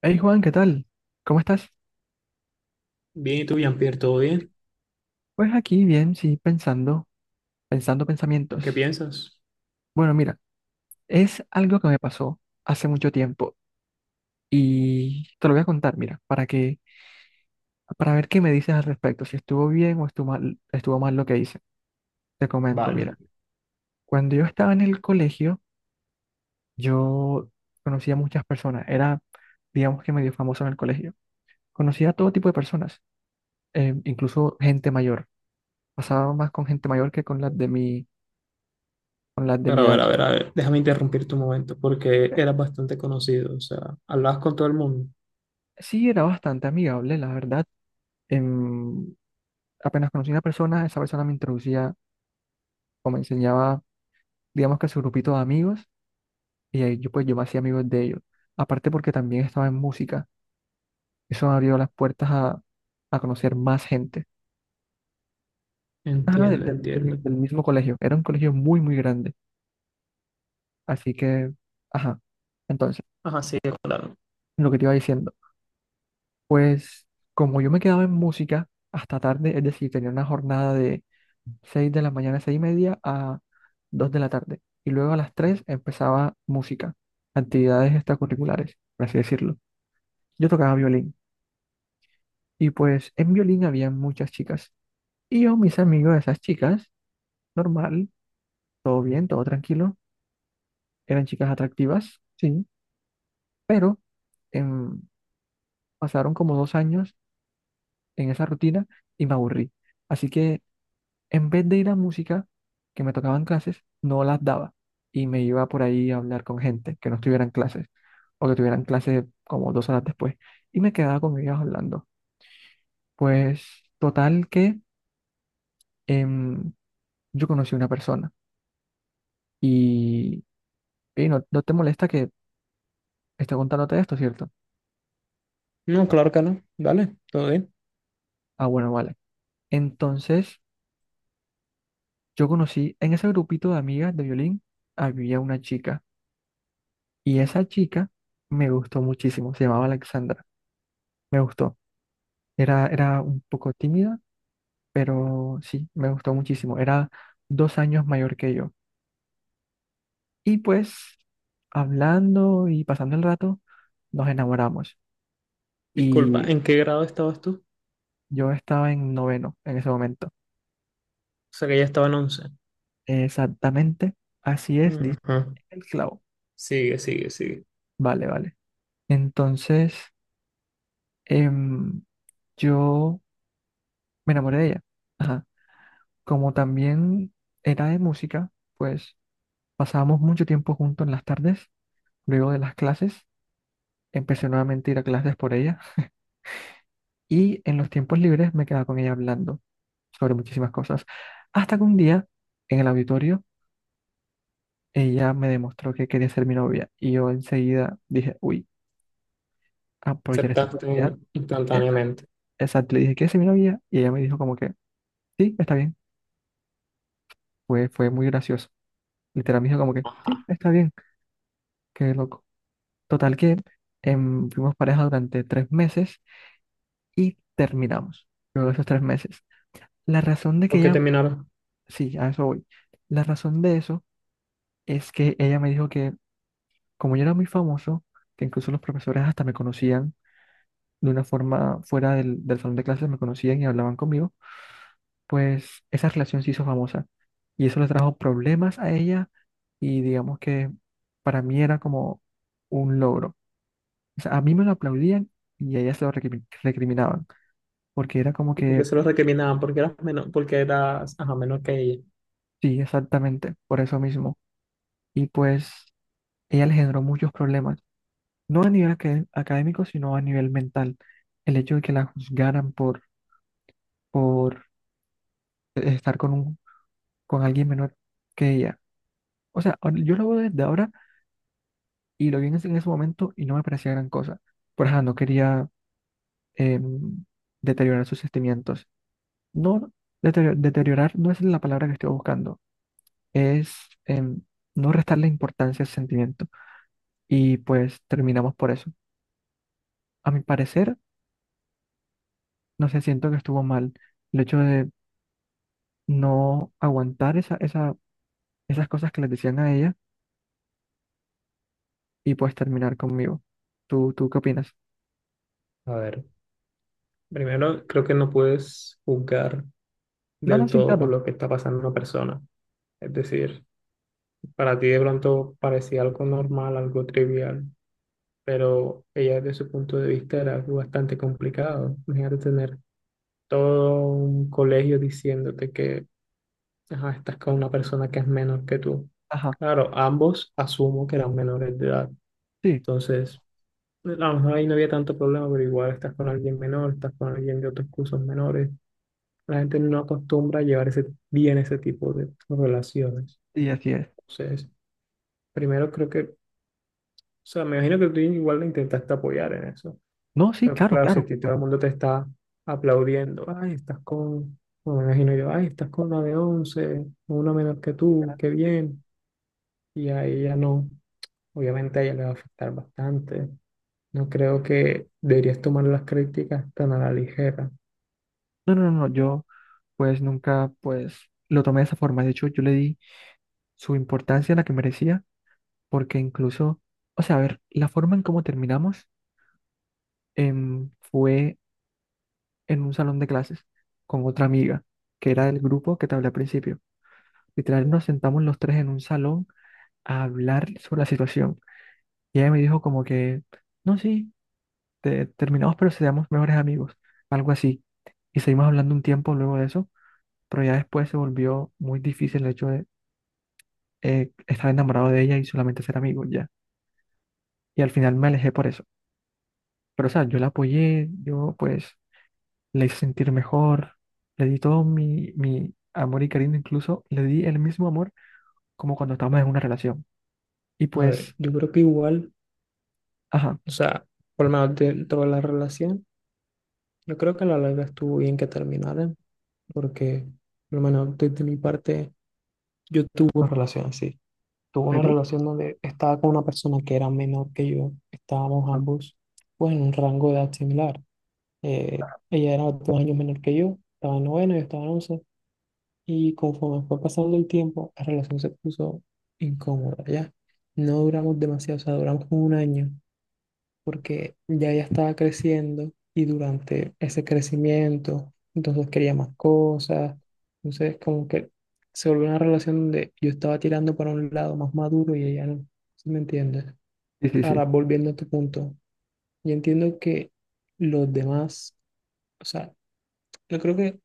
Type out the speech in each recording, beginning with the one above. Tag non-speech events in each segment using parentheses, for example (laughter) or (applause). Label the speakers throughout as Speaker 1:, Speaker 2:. Speaker 1: Hey Juan, ¿qué tal? ¿Cómo estás?
Speaker 2: Bien, ¿y tú, Jean-Pierre, todo bien?
Speaker 1: Pues aquí bien, sí, pensando
Speaker 2: ¿En
Speaker 1: pensamientos.
Speaker 2: qué piensas?
Speaker 1: Bueno, mira, es algo que me pasó hace mucho tiempo y te lo voy a contar, mira, para ver qué me dices al respecto, si estuvo bien o estuvo mal lo que hice. Te comento,
Speaker 2: Vale.
Speaker 1: mira, cuando yo estaba en el colegio, yo conocía muchas personas, era, digamos que medio famoso en el colegio. Conocía a todo tipo de personas, incluso gente mayor. Pasaba más con gente mayor que con las de mi
Speaker 2: Pero a ver,
Speaker 1: edad.
Speaker 2: a ver, a ver, déjame interrumpir tu momento porque eras bastante conocido, o sea, hablabas con todo el mundo.
Speaker 1: Sí, era bastante amigable, la verdad. Em, Apenas conocí a una persona, esa persona me introducía o me enseñaba, digamos que su grupito de amigos, y ahí yo me hacía amigos de ellos. Aparte porque también estaba en música, eso me abrió las puertas a conocer más gente. Ajá,
Speaker 2: Entiendo, entiendo.
Speaker 1: del mismo colegio, era un colegio muy, muy grande, así que, ajá, entonces,
Speaker 2: Ajá, sí, claro.
Speaker 1: lo que te iba diciendo, pues como yo me quedaba en música hasta tarde, es decir, tenía una jornada 6 de la mañana, 6:30 a 2 de la tarde. Y luego a las 3 empezaba música, actividades extracurriculares, por así decirlo. Yo tocaba violín y pues en violín había muchas chicas. Y yo, mis amigos de esas chicas, normal, todo bien, todo tranquilo, eran chicas atractivas, sí, pero em, pasaron como 2 años en esa rutina y me aburrí. Así que en vez de ir a música, que me tocaban clases, no las daba y me iba por ahí a hablar con gente que no estuvieran clases o que tuvieran clases como 2 horas después y me quedaba con ellos hablando. Pues total que em, yo conocí una persona y, "Ey, no, no te molesta que esté contándote esto, ¿cierto?
Speaker 2: No, claro que no. Dale, todo bien.
Speaker 1: Ah, bueno, vale. Entonces yo conocí en ese grupito de amigas de violín había una chica y esa chica me gustó muchísimo, se llamaba Alexandra, me gustó. Era un poco tímida, pero sí, me gustó muchísimo. Era 2 años mayor que yo. Y pues, hablando y pasando el rato, nos enamoramos.
Speaker 2: Disculpa,
Speaker 1: Y
Speaker 2: ¿en qué grado estabas tú?
Speaker 1: yo estaba en noveno en ese momento.
Speaker 2: O sea, que ya estaba en 11.
Speaker 1: Exactamente, así es, dice
Speaker 2: Ajá.
Speaker 1: el clavo.
Speaker 2: Sigue, sigue, sigue.
Speaker 1: Vale, vale. Entonces, em, yo me enamoré de ella. Ajá. Como también era de música, pues pasábamos mucho tiempo juntos en las tardes, luego de las clases. Empecé nuevamente a ir a clases por ella y en los tiempos libres me quedaba con ella hablando sobre muchísimas cosas. Hasta que un día, en el auditorio, ella me demostró que quería ser mi novia y yo enseguida dije, uy, aprovechar esta
Speaker 2: Aceptaste
Speaker 1: oportunidad. Esa-
Speaker 2: instantáneamente.
Speaker 1: Exacto, le dije, ¿quieres ser mi novia? Y ella me dijo como que, sí, está bien. Fue muy gracioso. Literal me dijo como que, sí,
Speaker 2: Ajá.
Speaker 1: está bien, qué loco. Total que fuimos pareja durante 3 meses y terminamos. Luego de esos 3 meses. La razón de
Speaker 2: ¿Por
Speaker 1: que
Speaker 2: qué
Speaker 1: ella.
Speaker 2: terminaron?
Speaker 1: Sí, a eso voy. La razón de eso es que ella me dijo que como yo era muy famoso, que incluso los profesores hasta me conocían de una forma fuera del salón de clases, me conocían y hablaban conmigo, pues esa relación se hizo famosa. Y eso le trajo problemas a ella y digamos que para mí era como un logro. O sea, a mí me lo aplaudían y a ella se lo recriminaban, porque era como
Speaker 2: ¿Y por qué
Speaker 1: que,
Speaker 2: se los recriminaban? Porque eras menor, porque eras, ajá, menor que ella.
Speaker 1: sí, exactamente, por eso mismo. Y pues ella le generó muchos problemas no a nivel académico, sino a nivel mental. El hecho de que la juzgaran por estar con alguien menor que ella. O sea, yo lo veo desde ahora y lo vi en ese momento y no me parecía gran cosa. Por ejemplo, no quería em, deteriorar sus sentimientos. No, deteriorar no es la palabra que estoy buscando, es, em, no restarle importancia al sentimiento. Y pues terminamos por eso. A mi parecer, no sé, siento que estuvo mal el hecho de no aguantar esas cosas que les decían a ella y pues terminar conmigo. ¿Tú qué opinas?
Speaker 2: A ver, primero creo que no puedes juzgar
Speaker 1: No, no,
Speaker 2: del
Speaker 1: sí,
Speaker 2: todo por
Speaker 1: claro.
Speaker 2: lo que está pasando una persona. Es decir, para ti de pronto parecía algo normal, algo trivial, pero ella desde su punto de vista era algo bastante complicado. Imagínate tener todo un colegio diciéndote que ajá, estás con una persona que es menor que tú.
Speaker 1: Ajá,
Speaker 2: Claro, ambos asumo que eran menores de edad.
Speaker 1: sí,
Speaker 2: Entonces, a lo mejor ahí no había tanto problema, pero igual estás con alguien menor, estás con alguien de otros cursos menores. La gente no acostumbra a llevar ese, bien ese tipo de relaciones.
Speaker 1: sí, así es.
Speaker 2: Entonces, primero creo que, o sea, me imagino que tú igual le intentaste apoyar en eso,
Speaker 1: No, sí,
Speaker 2: pero
Speaker 1: claro,
Speaker 2: claro, si a
Speaker 1: claro.
Speaker 2: ti todo
Speaker 1: No,
Speaker 2: el mundo te está aplaudiendo, ay, estás con, bueno, me imagino yo, ay, estás con una de 11 una menos que tú,
Speaker 1: ya,
Speaker 2: qué
Speaker 1: sí.
Speaker 2: bien, y a ella no, obviamente a ella le va a afectar bastante. No creo que deberías tomar las críticas tan a la ligera.
Speaker 1: No, no, no, no, yo pues nunca pues lo tomé de esa forma. De hecho, yo le di su importancia a la que merecía porque incluso, o sea, a ver, la forma en cómo terminamos, fue en un salón de clases con otra amiga que era del grupo que te hablé al principio. Literal, nos sentamos los tres en un salón a hablar sobre la situación. Y ella me dijo como que, no, sí, terminamos, pero seamos mejores amigos, algo así. Y seguimos hablando un tiempo luego de eso, pero ya después se volvió muy difícil el hecho de estar enamorado de ella y solamente ser amigos ya. Y al final me alejé por eso. Pero, o sea, yo la apoyé, yo pues le hice sentir mejor, le di todo mi amor y cariño, incluso le di el mismo amor como cuando estábamos en una relación. Y
Speaker 2: A ver,
Speaker 1: pues,
Speaker 2: yo creo que igual,
Speaker 1: ajá, ¿en
Speaker 2: o sea, por lo menos dentro de la relación, yo creo que a la larga estuvo bien que terminaran, porque por lo menos desde mi parte yo tuve una relación así. Tuve una
Speaker 1: serio?
Speaker 2: relación donde estaba con una persona que era menor que yo. Estábamos
Speaker 1: Ah,
Speaker 2: ambos, pues, en un rango de edad similar. Ella era dos años menor que yo. Estaba en noveno, yo estaba en once. Y conforme fue pasando el tiempo, la relación se puso incómoda, ¿ya? No duramos demasiado, o sea, duramos como un año porque ya ella estaba creciendo y durante ese crecimiento, entonces quería más cosas, entonces como que se volvió una relación donde yo estaba tirando para un lado más maduro y ella no, ¿sí me entiendes?
Speaker 1: sí, sí,
Speaker 2: Ahora,
Speaker 1: sí.
Speaker 2: volviendo a tu punto, yo entiendo que los demás, o sea, yo creo que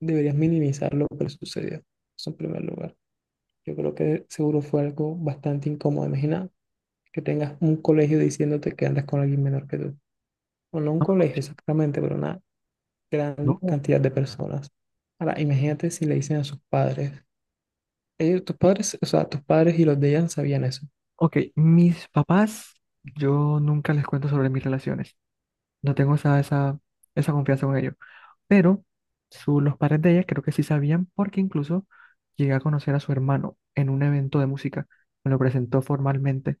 Speaker 2: deberías minimizar lo que le sucedió, eso en primer lugar. Yo creo que seguro fue algo bastante incómodo. Imagina que tengas un colegio diciéndote que andas con alguien menor que tú. O no un
Speaker 1: No, no,
Speaker 2: colegio
Speaker 1: sí.
Speaker 2: exactamente, pero una gran
Speaker 1: No,
Speaker 2: cantidad de personas. Ahora, imagínate si le dicen a sus padres, ellos, tus padres, o sea, tus padres y los de ella sabían eso.
Speaker 1: OK, mis papás, yo nunca les cuento sobre mis relaciones. No tengo esa confianza con ellos. Pero los padres de ella creo que sí sabían porque incluso llegué a conocer a su hermano en un evento de música. Me lo presentó formalmente.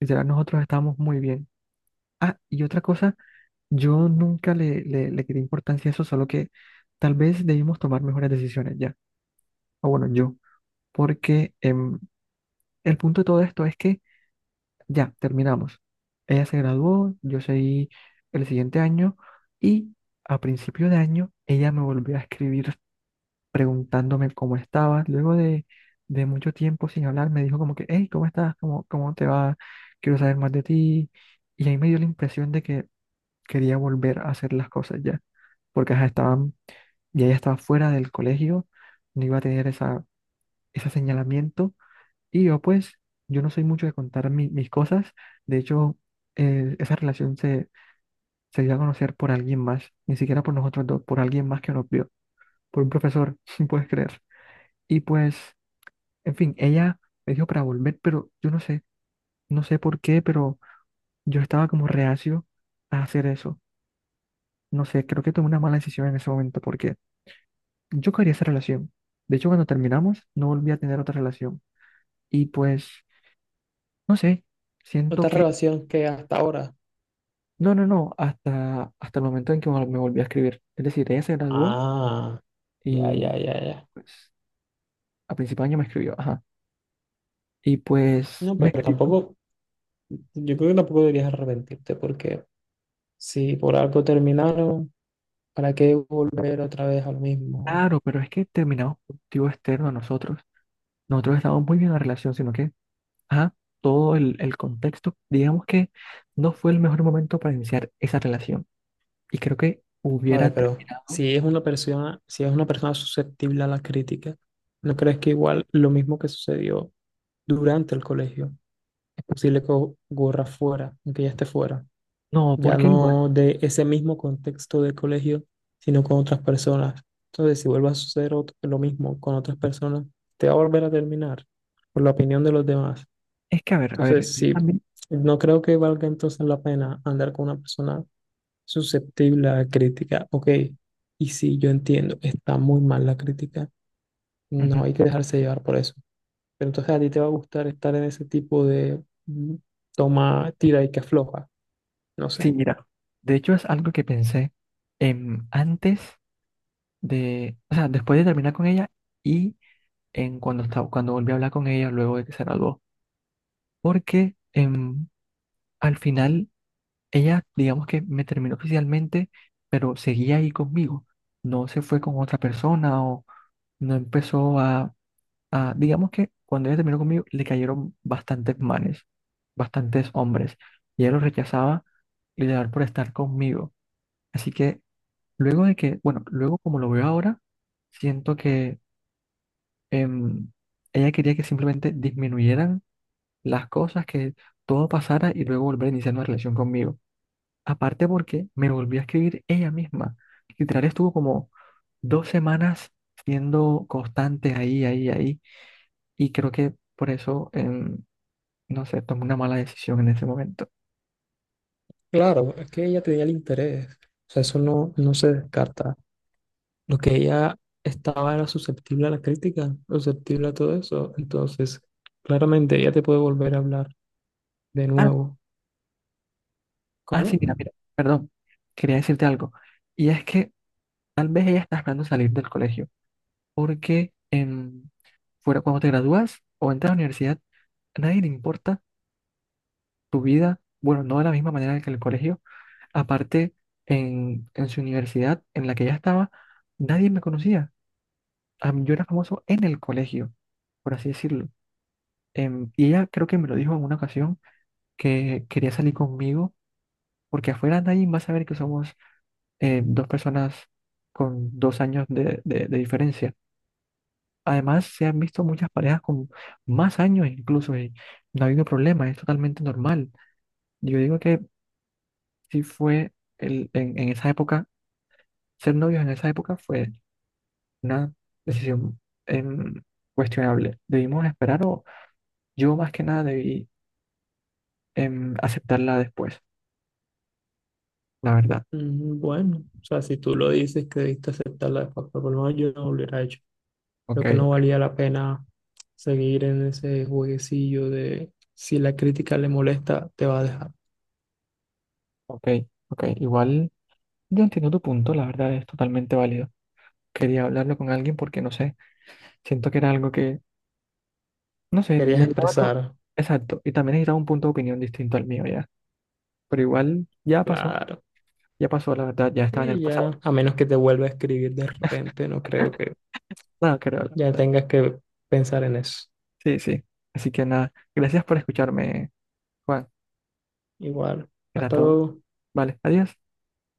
Speaker 1: Literal, nosotros estábamos muy bien. Ah, y otra cosa, yo nunca le quité importancia a eso, solo que tal vez debimos tomar mejores decisiones ya. O bueno, yo. Porque el punto de todo esto es que ya, terminamos. Ella se graduó, yo seguí el siguiente año y a principio de año ella me volvió a escribir preguntándome cómo estaba. Luego de mucho tiempo sin hablar, me dijo como que, hey, ¿cómo estás? ¿Cómo te va? Quiero saber más de ti. Y ahí me dio la impresión de que quería volver a hacer las cosas ya, porque ajá, ya ella estaba fuera del colegio, no iba a tener ese señalamiento y yo pues, yo no soy mucho de contar mis cosas. De hecho, esa relación se dio a conocer por alguien más, ni siquiera por nosotros dos, por alguien más que nos vio, por un profesor, (laughs) si puedes creer. Y pues, en fin, ella me dijo para volver, pero yo no sé, no sé por qué, pero yo estaba como reacio a hacer eso. No sé, creo que tomé una mala decisión en ese momento porque yo quería esa relación. De hecho, cuando terminamos, no volví a tener otra relación. Y pues, no sé, siento
Speaker 2: ¿Otra
Speaker 1: que.
Speaker 2: relación que hasta ahora?
Speaker 1: No, no, no, hasta el momento en que me volví a escribir. Es decir, ella se graduó
Speaker 2: Ah, ya,
Speaker 1: y
Speaker 2: ya, ya, ya.
Speaker 1: pues a principio de año me escribió, ajá. Y pues
Speaker 2: No,
Speaker 1: me
Speaker 2: pero
Speaker 1: escribió,
Speaker 2: tampoco, yo creo que tampoco deberías arrepentirte porque si por algo terminaron, ¿para qué volver otra vez a lo mismo?
Speaker 1: claro, pero es que terminamos por un motivo externo a nosotros. Nosotros estábamos muy bien en la relación, sino que, ajá, todo el contexto, digamos que no fue el mejor momento para iniciar esa relación. Y creo que
Speaker 2: A
Speaker 1: hubiera
Speaker 2: ver, pero
Speaker 1: terminado.
Speaker 2: si es una persona, si es una persona susceptible a la crítica, ¿no crees que igual lo mismo que sucedió durante el colegio es posible que ocurra fuera, aunque ya esté fuera,
Speaker 1: No,
Speaker 2: ya
Speaker 1: porque igual,
Speaker 2: no de ese mismo contexto de colegio, sino con otras personas? Entonces, si vuelve a suceder lo mismo con otras personas, te va a volver a terminar por la opinión de los demás.
Speaker 1: es que a ver,
Speaker 2: Entonces,
Speaker 1: yo
Speaker 2: sí,
Speaker 1: también,
Speaker 2: no creo que valga entonces la pena andar con una persona susceptible a crítica. Ok, y sí, yo entiendo, está muy mal la crítica,
Speaker 1: ujú.
Speaker 2: no hay que dejarse llevar por eso. Pero entonces a ti te va a gustar estar en ese tipo de toma, tira y que afloja. No sé.
Speaker 1: Sí, mira, de hecho es algo que pensé, antes. O sea, después de terminar con ella y cuando volví a hablar con ella luego de que se graduó, porque al final ella, digamos que me terminó oficialmente, pero seguía ahí conmigo, no se fue con otra persona o no empezó digamos que cuando ella terminó conmigo le cayeron bastantes manes, bastantes hombres y ella lo rechazaba literal por estar conmigo, así que luego de que, bueno, luego como lo veo ahora, siento que em, ella quería que simplemente disminuyeran las cosas, que todo pasara y luego volver a iniciar una relación conmigo. Aparte porque me volvió a escribir ella misma. Literal estuvo como 2 semanas siendo constante ahí, ahí, ahí. Y creo que por eso, no sé, tomé una mala decisión en ese momento.
Speaker 2: Claro, es que ella tenía el interés. O sea, eso no, no se descarta. Lo que ella estaba era susceptible a la crítica, susceptible a todo eso. Entonces, claramente ella te puede volver a hablar de
Speaker 1: Ah,
Speaker 2: nuevo.
Speaker 1: ah,
Speaker 2: ¿Cómo?
Speaker 1: sí, mira, mira, perdón. Quería decirte algo. Y es que tal vez ella está esperando salir del colegio porque fuera cuando te gradúas o entras a la universidad, a nadie le importa tu vida, bueno, no de la misma manera que en el colegio. Aparte, en su universidad en la que ya estaba, nadie me conocía. Yo era famoso en el colegio, por así decirlo. Y ella creo que me lo dijo en una ocasión que quería salir conmigo porque afuera nadie va a saber que somos dos personas con 2 años de diferencia. Además, se han visto muchas parejas con más años incluso y no ha habido problema, es totalmente normal. Yo digo que si fue en esa época, ser novios en esa época fue una decisión, em, cuestionable. Debimos esperar o yo más que nada debí, aceptarla después, la verdad.
Speaker 2: Mm, bueno, o sea, si tú lo dices que debiste aceptarla de facto, por lo menos yo no lo hubiera hecho.
Speaker 1: Ok,
Speaker 2: Creo que no valía la pena seguir en ese jueguecillo de si la crítica le molesta, te va a dejar.
Speaker 1: ok, ok. Igual yo entiendo tu punto, la verdad es totalmente válido. Quería hablarlo con alguien porque no sé, siento que era algo que. No sé,
Speaker 2: Querías
Speaker 1: necesitaba otro.
Speaker 2: expresar,
Speaker 1: Exacto. Y también necesitaba un punto de opinión distinto al mío ya. Pero igual ya pasó.
Speaker 2: claro.
Speaker 1: Ya pasó, la verdad. Ya estaba en el
Speaker 2: Y
Speaker 1: pasado.
Speaker 2: ya, a menos que te vuelva a escribir de repente, no creo que
Speaker 1: Nada, creo, la
Speaker 2: ya
Speaker 1: verdad.
Speaker 2: tengas que pensar en eso.
Speaker 1: Sí, sí. Así que nada. Gracias por escucharme, Juan.
Speaker 2: Igual,
Speaker 1: Era
Speaker 2: hasta
Speaker 1: todo.
Speaker 2: luego.
Speaker 1: Vale, adiós.